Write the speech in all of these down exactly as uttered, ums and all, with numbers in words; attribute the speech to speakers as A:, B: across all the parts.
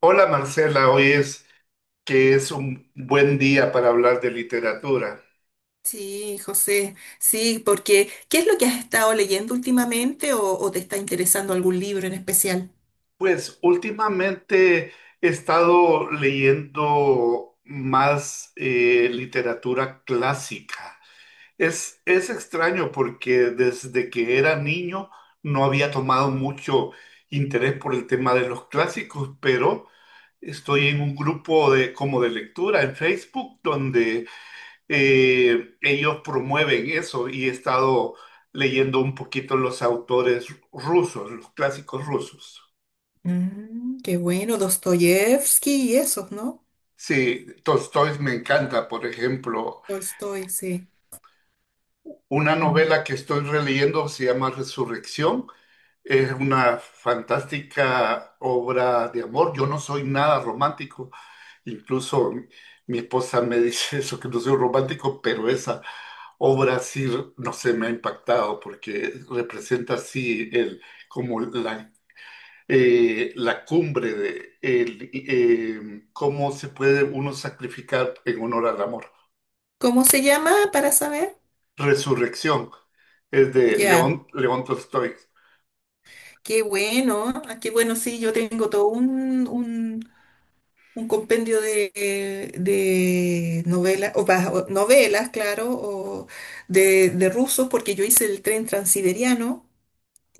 A: Hola Marcela, hoy es que es un buen día para hablar de literatura.
B: Sí, José, sí, porque ¿qué es lo que has estado leyendo últimamente o, o te está interesando algún libro en especial?
A: Pues últimamente he estado leyendo más eh, literatura clásica. Es, es extraño porque desde que era niño no había tomado mucho interés por el tema de los clásicos, pero estoy en un grupo de, como de lectura en Facebook, eh, ellos promueven eso y he estado leyendo un poquito los autores rusos, los clásicos rusos.
B: Mm, qué bueno, Dostoyevsky y esos, ¿no?
A: Sí, Tolstói me encanta, por ejemplo,
B: Tolstoy, sí.
A: una
B: Mm.
A: novela que estoy releyendo se llama Resurrección. Es una fantástica obra de amor. Yo no soy nada romántico, incluso mi mi esposa me dice eso, que no soy romántico, pero esa o Brasil, no sé, me ha impactado porque representa así el, como la, eh, la cumbre de el, eh, cómo se puede uno sacrificar en honor al amor.
B: ¿Cómo se llama para saber?
A: Resurrección es de
B: Ya,
A: León, León Tolstoy.
B: qué bueno, ah, qué bueno, sí, yo tengo todo un, un un compendio de, de novelas, o, pa- o novelas, claro, o de, de rusos, porque yo hice el tren transiberiano,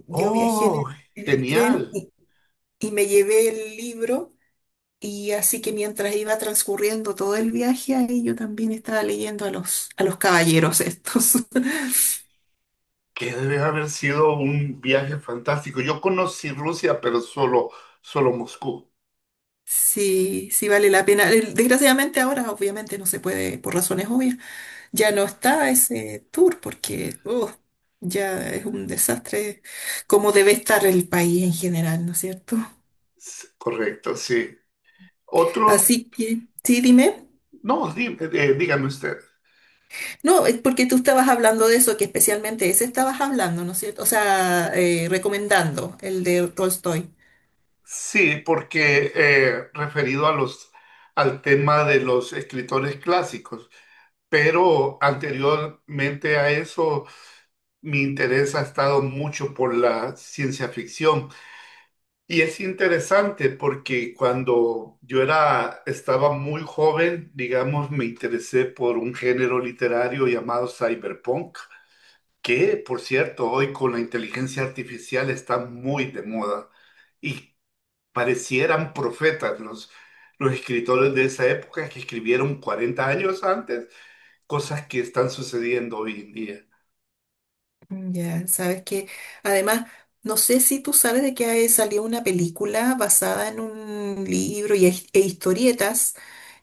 B: yo viajé en
A: ¡Oh,
B: el, en el tren
A: genial!
B: y, y me llevé el libro, y así que mientras iba transcurriendo todo el viaje, ahí yo también estaba leyendo a los, a los caballeros estos.
A: Que debe haber sido un viaje fantástico. Yo conocí Rusia, pero solo, solo Moscú.
B: Sí, sí vale la pena. Desgraciadamente ahora obviamente no se puede, por razones obvias ya no está ese tour porque uf, ya es un desastre como debe estar el país en general, ¿no es cierto?
A: S- Correcto, sí. Otro,
B: Así que, sí, dime.
A: no, dí- eh, dígame usted.
B: No, es porque tú estabas hablando de eso, que especialmente ese estabas hablando, ¿no es cierto? O sea, eh, recomendando el de Tolstoy.
A: Sí, porque eh, referido a los, al tema de los escritores clásicos, pero anteriormente a eso mi interés ha estado mucho por la ciencia ficción. Y es interesante porque cuando yo era, estaba muy joven, digamos, me interesé por un género literario llamado cyberpunk, que por cierto hoy con la inteligencia artificial está muy de moda. Y parecieran profetas los, los escritores de esa época que escribieron cuarenta años antes cosas que están sucediendo hoy en día.
B: Ya, sabes que además, no sé si tú sabes de que hay- salió una película basada en un libro y, es- e historietas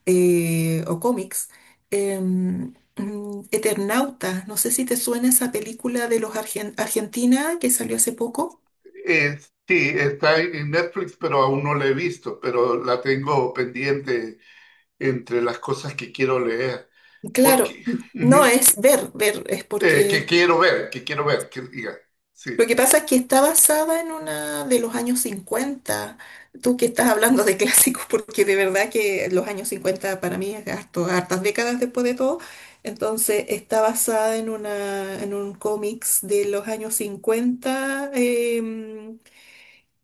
B: eh, o cómics. em, mm, Eternauta, no sé si te suena esa película de los argen- Argentina que salió hace poco.
A: Eh, sí, está en Netflix, pero aún no la he visto, pero la tengo pendiente entre las cosas que quiero leer,
B: Claro,
A: porque
B: no
A: ujú,
B: es ver, ver, es
A: eh, que
B: porque
A: quiero ver, que quiero ver, que diga, sí.
B: lo que pasa es que está basada en una de los años cincuenta. Tú que estás hablando de clásicos, porque de verdad que los años cincuenta para mí es harto, hartas décadas después de todo. Entonces está basada en una, en un cómics de los años cincuenta. em,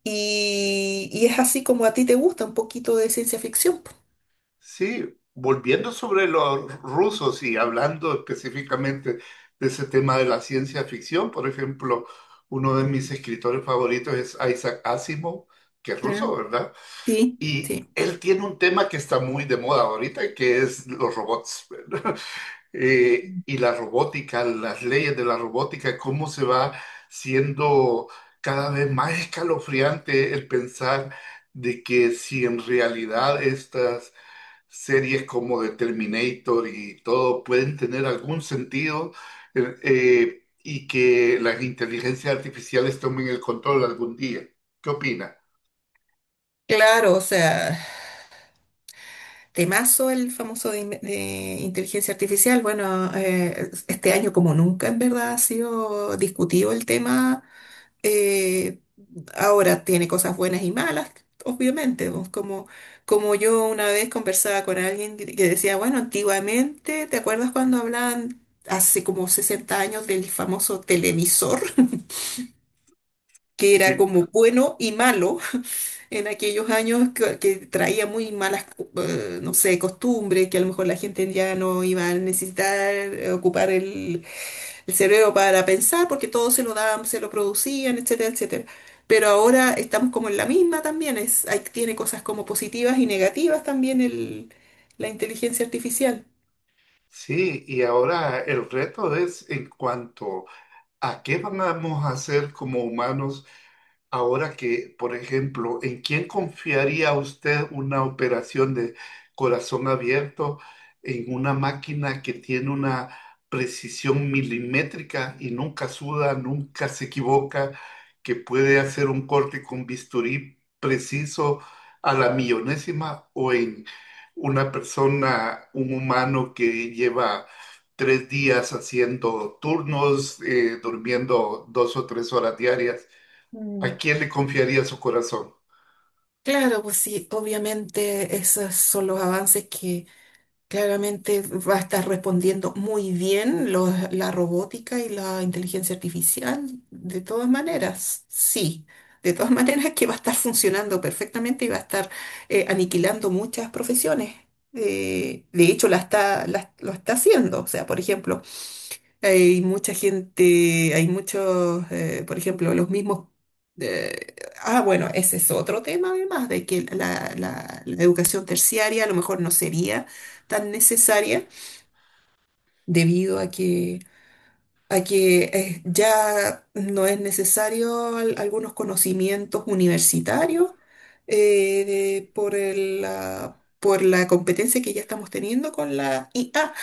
B: Y, y es así como a ti te gusta un poquito de ciencia ficción. Po.
A: Sí, volviendo sobre los rusos y hablando específicamente de ese tema de la ciencia ficción, por ejemplo, uno de mis escritores favoritos es Isaac Asimov, que es
B: Ah,
A: ruso, ¿verdad?
B: sí,
A: Y
B: sí.
A: él tiene un tema que está muy de moda ahorita, que es los robots, ¿verdad? Eh, y la robótica, las leyes de la robótica, cómo se va siendo cada vez más escalofriante el pensar de que si en realidad estas series como The Terminator y todo pueden tener algún sentido, eh, eh, y que las inteligencias artificiales tomen el control algún día. ¿Qué opina?
B: Claro, o sea, temazo el famoso de, in- de inteligencia artificial. Bueno, eh, este año como nunca en verdad ha sido discutido el tema. Eh, Ahora tiene cosas buenas y malas, obviamente. Pues, como, como yo una vez conversaba con alguien que que decía, bueno, antiguamente, ¿te acuerdas cuando hablaban hace como sesenta años del famoso televisor, que era
A: Sí.
B: como bueno y malo en aquellos años que, que traía muy malas, eh, no sé, costumbres, que a lo mejor la gente ya no iba a necesitar eh, ocupar el, el cerebro para pensar porque todo se lo daban, se lo producían, etcétera, etcétera? Pero ahora estamos como en la misma también, es, hay- tiene cosas como positivas y negativas también el, la inteligencia artificial.
A: Sí, y ahora el reto es en cuanto a qué vamos a hacer como humanos. Ahora que, por ejemplo, ¿en quién confiaría usted una operación de corazón abierto en una máquina que tiene una precisión milimétrica y nunca suda, nunca se equivoca, que puede hacer un corte con bisturí preciso a la millonésima, o en una persona, un humano que lleva tres días haciendo turnos, eh, durmiendo dos o tres horas diarias? ¿A
B: Mm.
A: quién le confiaría su corazón?
B: Claro, pues sí, obviamente esos son los avances. Claramente va a estar respondiendo muy bien los- la robótica y la inteligencia artificial, de todas maneras, sí, de todas maneras que va a estar funcionando perfectamente y va a estar eh, aniquilando muchas profesiones. Eh, de hecho, la está, la- lo está haciendo. O sea, por ejemplo, hay mucha gente, hay muchos, eh, por ejemplo, los mismos... eh, ah, bueno, ese es otro tema además, de que la, la- la educación terciaria a lo mejor no sería tan necesaria debido a que, a que eh, ya no es necesario al- algunos conocimientos universitarios eh, de- por el, la, por la competencia que ya estamos teniendo con la I A.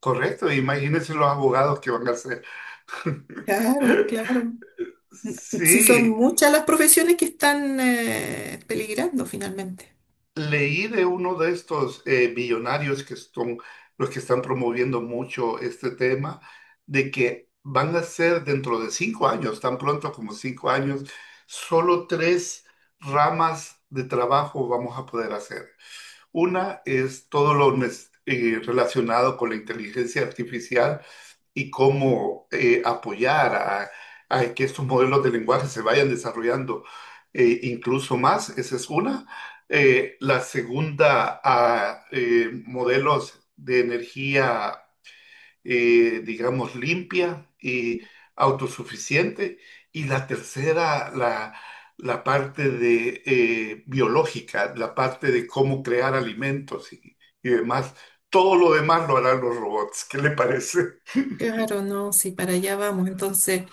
A: Correcto, imagínense los abogados que van a ser.
B: Claro, claro. Si son
A: Sí,
B: muchas las profesiones que están eh, peligrando finalmente.
A: leí de uno de estos eh, millonarios que son los que están promoviendo mucho este tema, de que van a ser dentro de cinco años, tan pronto como cinco años, solo tres ramas de trabajo vamos a poder hacer. Una es todo lo nes- eh, relacionado con la inteligencia artificial y cómo eh, apoyar a, a que estos modelos de lenguaje se vayan desarrollando, eh, incluso más. Esa es una. Eh, la segunda, a eh, modelos de energía, eh, digamos, limpia y autosuficiente. Y la tercera, la, la parte de eh, biológica, la parte de cómo crear alimentos y, y demás. Todo lo demás lo harán los robots. ¿Qué le parece?
B: Claro, no, sí, para allá vamos. Entonces,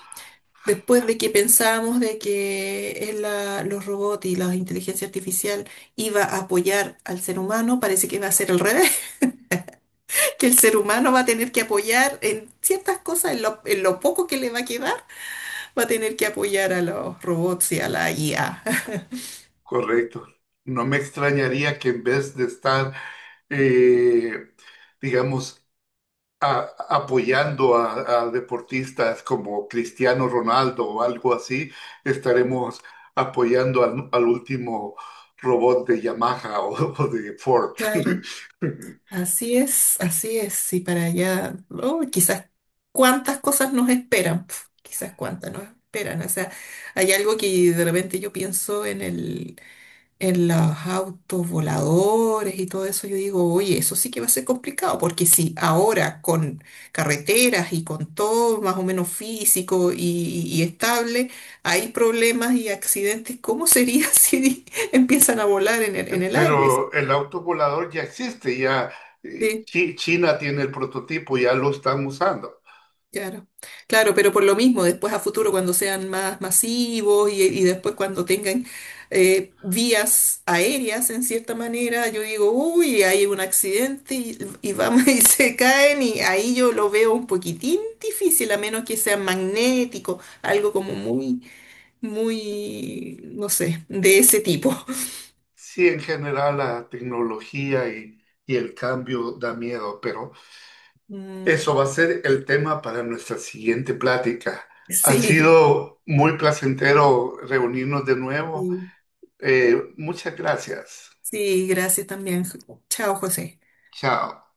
B: después de que pensábamos de que el, la- los robots y la inteligencia artificial iba a apoyar al ser humano, parece que va a ser al revés, que el ser humano va a tener que apoyar en ciertas cosas, en lo, en lo poco que le va a quedar, va a tener que apoyar a los robots y a la I A.
A: Correcto. No me extrañaría que en vez de estar, eh, digamos, a- apoyando a, a deportistas como Cristiano Ronaldo o algo así, estaremos apoyando al, al último robot de Yamaha o, o de Ford.
B: Claro. Así es, así es, y para allá, oh, quizás cuántas cosas nos esperan, pf, quizás cuántas nos esperan, o sea, hay algo que de repente yo pienso en el, en los autos voladores y todo eso, yo digo, oye, eso sí que va a ser complicado, porque si ahora con carreteras y con todo más o menos físico y, y estable, hay problemas y accidentes, ¿cómo sería si empiezan a volar en el, en el aire?
A: Pero el auto volador ya existe, ya eh,
B: Sí,
A: Chi- China tiene el prototipo, ya lo están usando.
B: claro, claro, pero por lo mismo, después a futuro cuando sean más masivos y, y después cuando tengan eh, vías aéreas en cierta manera, yo digo, uy, hay un accidente y, y vamos y se caen y ahí yo lo veo un poquitín difícil, a menos que sea magnético, algo como muy, muy, no sé, de ese tipo.
A: Sí, en general la tecnología y, y el cambio da miedo, pero
B: Mm,
A: eso va a ser el tema para nuestra siguiente plática. Ha
B: sí,
A: sido muy placentero reunirnos de nuevo.
B: sí,
A: Eh, muchas gracias.
B: sí, gracias también. Chao, José.
A: Chao.